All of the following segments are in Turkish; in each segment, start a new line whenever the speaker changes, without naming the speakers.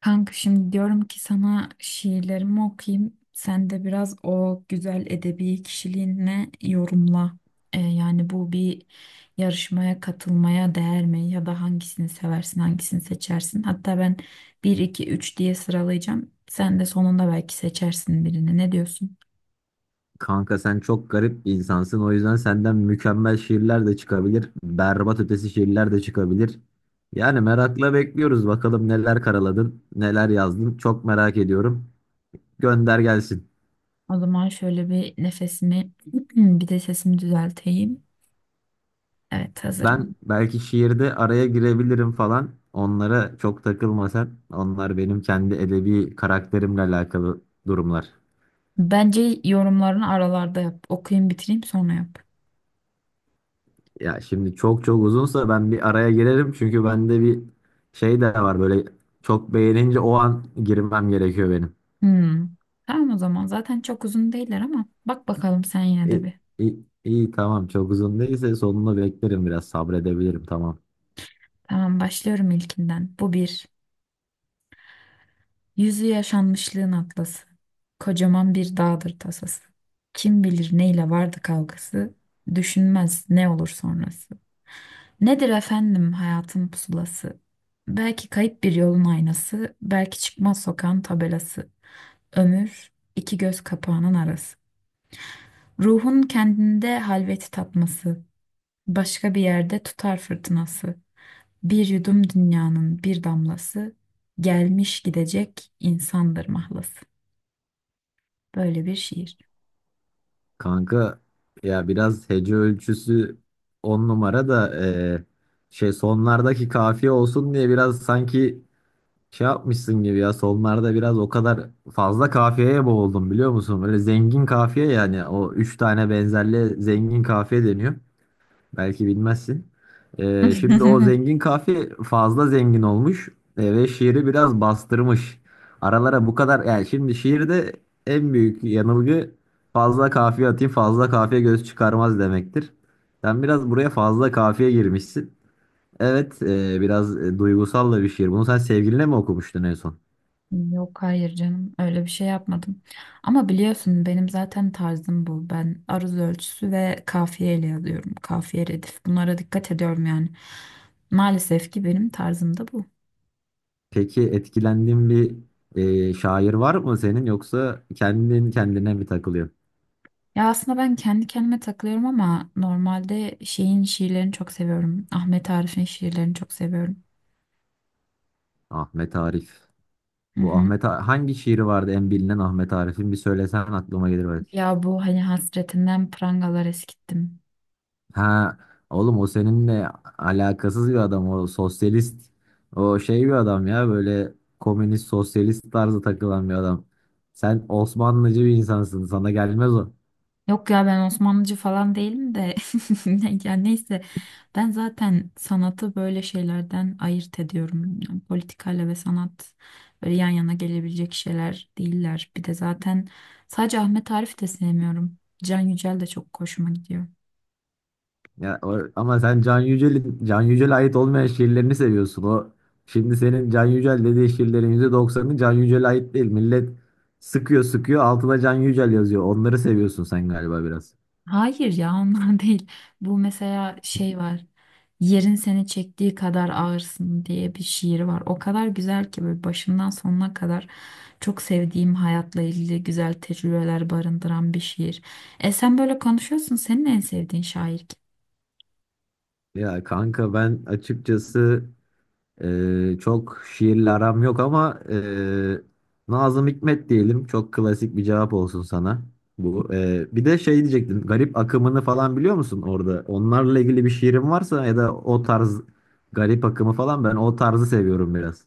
Kanka şimdi diyorum ki sana şiirlerimi okuyayım. Sen de biraz o güzel edebi kişiliğinle yorumla. Yani bu bir yarışmaya katılmaya değer mi? Ya da hangisini seversin, hangisini seçersin? Hatta ben bir 2 3 diye sıralayacağım. Sen de sonunda belki seçersin birini. Ne diyorsun?
Kanka sen çok garip bir insansın. O yüzden senden mükemmel şiirler de çıkabilir. Berbat ötesi şiirler de çıkabilir. Yani merakla bekliyoruz. Bakalım neler karaladın, neler yazdın. Çok merak ediyorum. Gönder gelsin.
O zaman şöyle bir nefesimi, bir de sesimi düzelteyim. Evet
Ben
hazırım.
belki şiirde araya girebilirim falan. Onlara çok takılma sen. Onlar benim kendi edebi karakterimle alakalı durumlar.
Bence yorumlarını aralarda yap. Okuyayım bitireyim sonra yap.
Ya şimdi çok çok uzunsa ben bir araya girerim. Çünkü bende bir şey de var böyle çok beğenince o an girmem gerekiyor benim.
Hmm. Tamam o zaman. Zaten çok uzun değiller ama bak bakalım sen yine de
İyi,
bir.
iyi, iyi, tamam çok uzun değilse sonunu beklerim biraz sabredebilirim tamam.
Tamam başlıyorum ilkinden. Bu bir. Yüzü yaşanmışlığın atlası. Kocaman bir dağdır tasası. Kim bilir neyle vardı kavgası. Düşünmez ne olur sonrası. Nedir efendim hayatın pusulası? Belki kayıp bir yolun aynası. Belki çıkmaz sokağın tabelası. Ömür iki göz kapağının arası. Ruhun kendinde halveti tatması. Başka bir yerde tutar fırtınası. Bir yudum dünyanın bir damlası. Gelmiş gidecek insandır mahlası. Böyle bir şiir.
Kanka ya biraz hece ölçüsü 10 numara da şey sonlardaki kafiye olsun diye biraz sanki şey yapmışsın gibi ya sonlarda biraz o kadar fazla kafiyeye boğuldum biliyor musun? Böyle zengin kafiye yani o 3 tane benzerli zengin kafiye deniyor. Belki bilmezsin. Şimdi o zengin fazla zengin olmuş ve şiiri biraz bastırmış. Aralara bu kadar yani şimdi şiirde en büyük yanılgı fazla kafiye atayım fazla kafiye göz çıkarmaz demektir. Sen biraz buraya fazla kafiye girmişsin. Evet biraz duygusal da bir şiir. Bunu sen sevgiline mi okumuştun en son?
Yok, hayır canım, öyle bir şey yapmadım. Ama biliyorsun benim zaten tarzım bu. Ben aruz ölçüsü ve kafiyeyle yazıyorum. Kafiye, redif. Bunlara dikkat ediyorum yani. Maalesef ki benim tarzım da bu.
Peki etkilendiğin bir şair var mı senin yoksa kendin kendine mi takılıyorsun?
Ya aslında ben kendi kendime takılıyorum ama normalde şeyin şiirlerini çok seviyorum. Ahmet Arif'in şiirlerini çok seviyorum.
Ahmet Arif.
Hı
Bu
hı.
Hangi şiiri vardı en bilinen Ahmet Arif'in bir söylesen aklıma gelir belki.
Ya bu hani hasretinden prangalar eskittim.
Ha oğlum o seninle alakasız bir adam o sosyalist o şey bir adam ya böyle komünist sosyalist tarzı takılan bir adam. Sen Osmanlıcı bir insansın sana gelmez o.
Yok ya, ben Osmanlıcı falan değilim de ya neyse, ben zaten sanatı böyle şeylerden ayırt ediyorum. Yani politikayla ve sanat böyle yan yana gelebilecek şeyler değiller. Bir de zaten sadece Ahmet Arif de sevmiyorum. Can Yücel de çok hoşuma gidiyor.
Ya, o ama sen Can Yücel'in Can Yücel'e ait olmayan şiirlerini seviyorsun o. Şimdi senin Can Yücel dediği şiirlerin %90'ı Can Yücel'e ait değil. Millet sıkıyor sıkıyor altına Can Yücel yazıyor. Onları seviyorsun sen galiba biraz.
Hayır, ya ondan değil. Bu mesela şey var. Yerin seni çektiği kadar ağırsın diye bir şiir var. O kadar güzel ki böyle başından sonuna kadar çok sevdiğim, hayatla ilgili güzel tecrübeler barındıran bir şiir. E sen böyle konuşuyorsun. Senin en sevdiğin şair kim?
Ya kanka ben açıkçası çok şiirle aram yok ama Nazım Hikmet diyelim. Çok klasik bir cevap olsun sana bu. Bir de şey diyecektim. Garip akımını falan biliyor musun orada? Onlarla ilgili bir şiirin varsa ya da o tarz garip akımı falan ben o tarzı seviyorum biraz.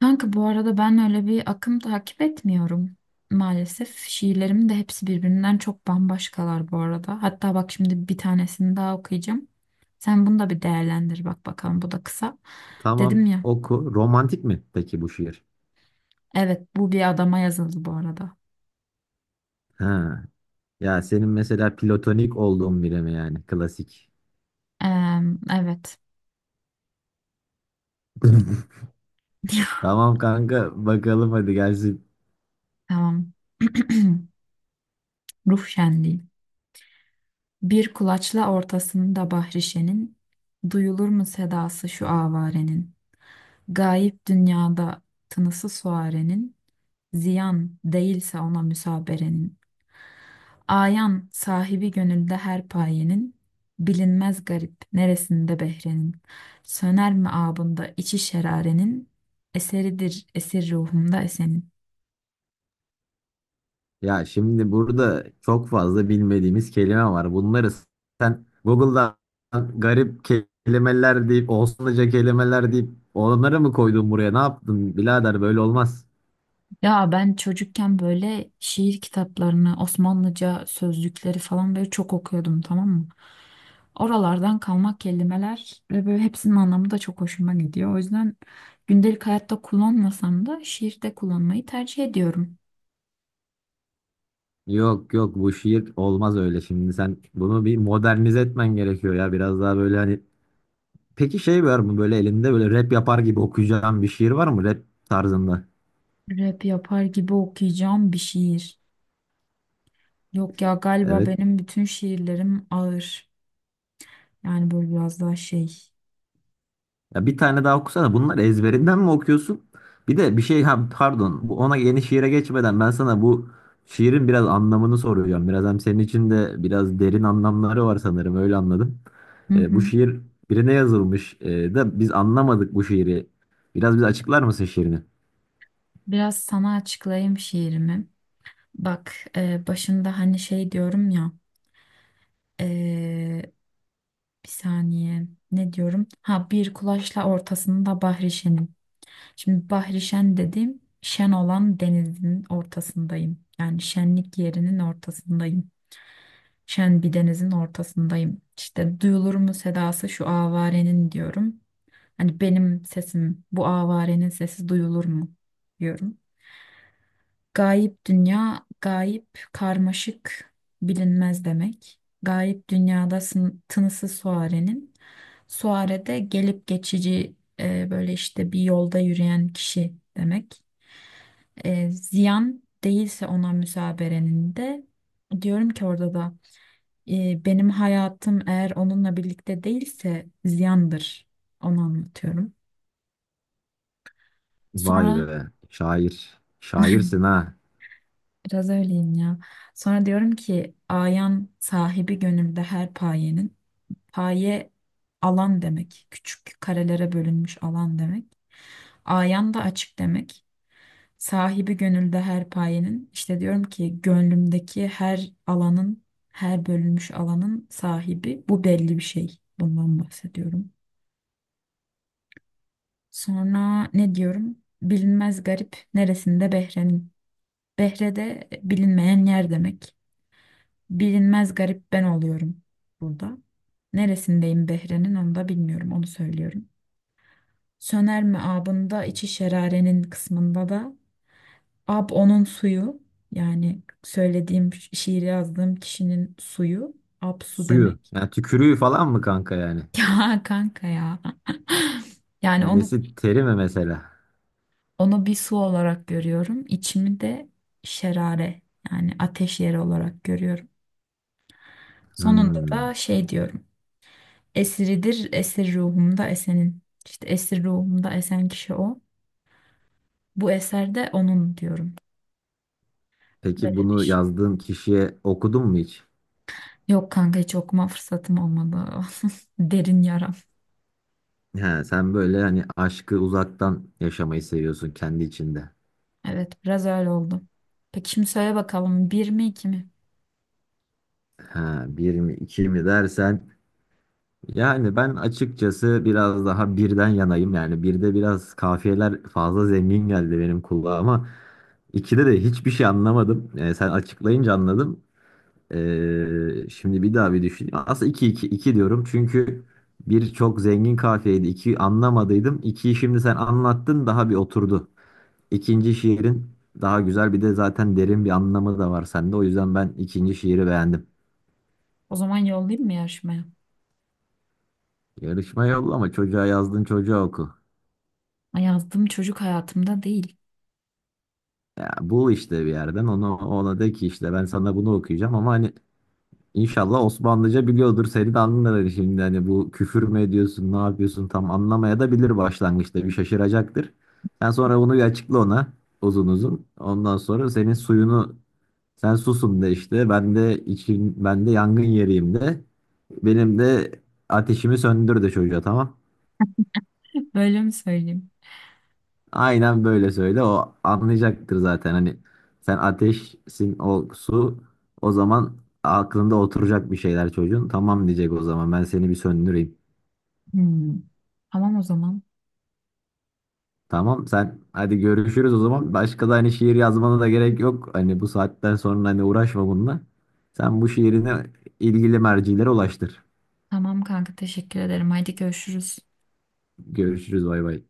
Kanka, bu arada ben öyle bir akım takip etmiyorum maalesef. Şiirlerim de hepsi birbirinden çok bambaşkalar bu arada. Hatta bak, şimdi bir tanesini daha okuyacağım. Sen bunu da bir değerlendir, bak bakalım, bu da kısa. Dedim
Tamam
ya,
oku. Romantik mi peki bu şiir?
evet, bu bir adama yazıldı bu arada.
Ha. Ya senin mesela platonik olduğun biri mi yani klasik?
Eee, evet.
Tamam kanka bakalım hadi gelsin.
Tamam. Ruh şenliği. Bir kulaçla ortasında bahrişenin, duyulur mu sedası şu avarenin? Gayip dünyada tınısı suarenin, ziyan değilse ona müsaberenin. Ayan sahibi gönülde her payenin, bilinmez garip neresinde behrenin. Söner mi abında içi şerarenin, eseridir esir ruhumda esenin.
Ya şimdi burada çok fazla bilmediğimiz kelime var. Bunları sen Google'dan garip kelimeler deyip, Osmanlıca kelimeler deyip onları mı koydun buraya? Ne yaptın birader böyle olmaz.
Ya ben çocukken böyle şiir kitaplarını, Osmanlıca sözlükleri falan böyle çok okuyordum, tamam mı? Oralardan kalma kelimeler ve böyle hepsinin anlamı da çok hoşuma gidiyor. O yüzden gündelik hayatta kullanmasam da şiirde kullanmayı tercih ediyorum.
Yok yok bu şiir olmaz öyle şimdi. Sen bunu bir modernize etmen gerekiyor ya biraz daha böyle hani. Peki şey var mı böyle elinde böyle rap yapar gibi okuyacağın bir şiir var mı rap tarzında?
Rap yapar gibi okuyacağım bir şiir. Yok ya, galiba
Evet.
benim bütün şiirlerim ağır. Yani böyle biraz daha şey.
Ya bir tane daha okusana. Bunları ezberinden mi okuyorsun? Bir de bir şey ha, pardon. Bu ona yeni şiire geçmeden ben sana bu şiirin biraz anlamını soracağım. Biraz hem senin için de biraz derin anlamları var sanırım. Öyle anladım.
Hı
Bu
hı.
şiir birine yazılmış da biz anlamadık bu şiiri. Biraz bize açıklar mısın şiirini?
Biraz sana açıklayayım şiirimi. Bak, başında hani şey diyorum ya. Ee, Bir saniye, ne diyorum? Ha, bir kulaçla ortasında Bahrişen'im. Şimdi Bahrişen dediğim şen olan denizin ortasındayım. Yani şenlik yerinin ortasındayım. Şen bir denizin ortasındayım. İşte duyulur mu sedası şu avarenin diyorum. Hani benim sesim, bu avarenin sesi duyulur mu diyorum. Gayip dünya, gayip karmaşık, bilinmez demek. Gayip dünyada tınısı suarenin. Suare de gelip geçici, böyle işte bir yolda yürüyen kişi demek. Ziyan değilse ona müsaberenin de diyorum ki, orada da benim hayatım eğer onunla birlikte değilse ziyandır. Onu anlatıyorum.
Vay
Sonra
be. Şair. Şairsin ha.
biraz öyleyim ya. Sonra diyorum ki ayan sahibi gönülde her payenin. Paye alan demek. Küçük karelere bölünmüş alan demek. Ayan da açık demek. Sahibi gönülde her payenin. İşte diyorum ki gönlümdeki her alanın, her bölünmüş alanın sahibi. Bu belli bir şey. Bundan bahsediyorum. Sonra ne diyorum? Bilinmez garip neresinde Behre'nin. Behre de bilinmeyen yer demek. Bilinmez garip ben oluyorum burada. Neresindeyim Behre'nin, onu da bilmiyorum, onu söylüyorum. Söner mi abında içi şerarenin kısmında da ab onun suyu, yani söylediğim şiiri yazdığım kişinin suyu, ab su
Suyu.
demek.
Yani tükürüğü falan mı kanka yani?
Ya kanka ya. Yani onu
Nesi teri mi mesela?
onu bir su olarak görüyorum. İçimi de şerare, yani ateş yeri olarak görüyorum. Sonunda
Hmm.
da şey diyorum. Esiridir, esir ruhumda esenin. İşte esir ruhumda esen kişi o. Bu eserde onun diyorum.
Peki
Böyle bir
bunu
şey.
yazdığın kişiye okudun mu hiç?
Yok kanka, hiç okuma fırsatım olmadı. Derin yaram.
He, sen böyle hani aşkı uzaktan yaşamayı seviyorsun kendi içinde.
Evet, biraz öyle oldu. Peki şimdi söyle bakalım, bir mi iki mi?
Ha bir mi iki mi dersen yani ben açıkçası biraz daha birden yanayım. Yani birde biraz kafiyeler fazla zengin geldi benim kulağıma. İkide de hiçbir şey anlamadım. Sen açıklayınca anladım. Şimdi bir daha bir düşüneyim. Aslında iki iki iki diyorum çünkü bir çok zengin kafiyeydi. İki anlamadıydım. İkiyi şimdi sen anlattın daha bir oturdu. İkinci şiirin daha güzel bir de zaten derin bir anlamı da var sende. O yüzden ben ikinci şiiri beğendim.
O zaman yollayayım mı yarışmaya?
Yarışma yolla ama çocuğa yazdın çocuğa oku.
Ay, yazdığım çocuk hayatımda değil.
Ya bul işte bir yerden onu ona de ki işte ben sana bunu okuyacağım ama hani inşallah Osmanlıca biliyordur seni de anlar hani şimdi hani bu küfür mü ediyorsun ne yapıyorsun tam anlamaya da bilir başlangıçta bir şaşıracaktır. Sen sonra bunu bir açıkla ona uzun uzun. Ondan sonra senin suyunu Sen susun de işte. Ben de için ben de yangın yeriyim de. Benim de ateşimi söndür de çocuğa tamam.
Böyle mi söyleyeyim?
Aynen böyle söyle. O anlayacaktır zaten. Hani sen ateşsin o su. O zaman aklında oturacak bir şeyler çocuğun. Tamam diyecek o zaman. Ben seni bir söndüreyim.
Hmm. Tamam o zaman.
Tamam sen hadi görüşürüz o zaman. Başka da hani şiir yazmana da gerek yok. Hani bu saatten sonra hani uğraşma bununla. Sen bu şiirini ilgili mercilere ulaştır.
Tamam kanka, teşekkür ederim. Haydi görüşürüz.
Görüşürüz bay bay.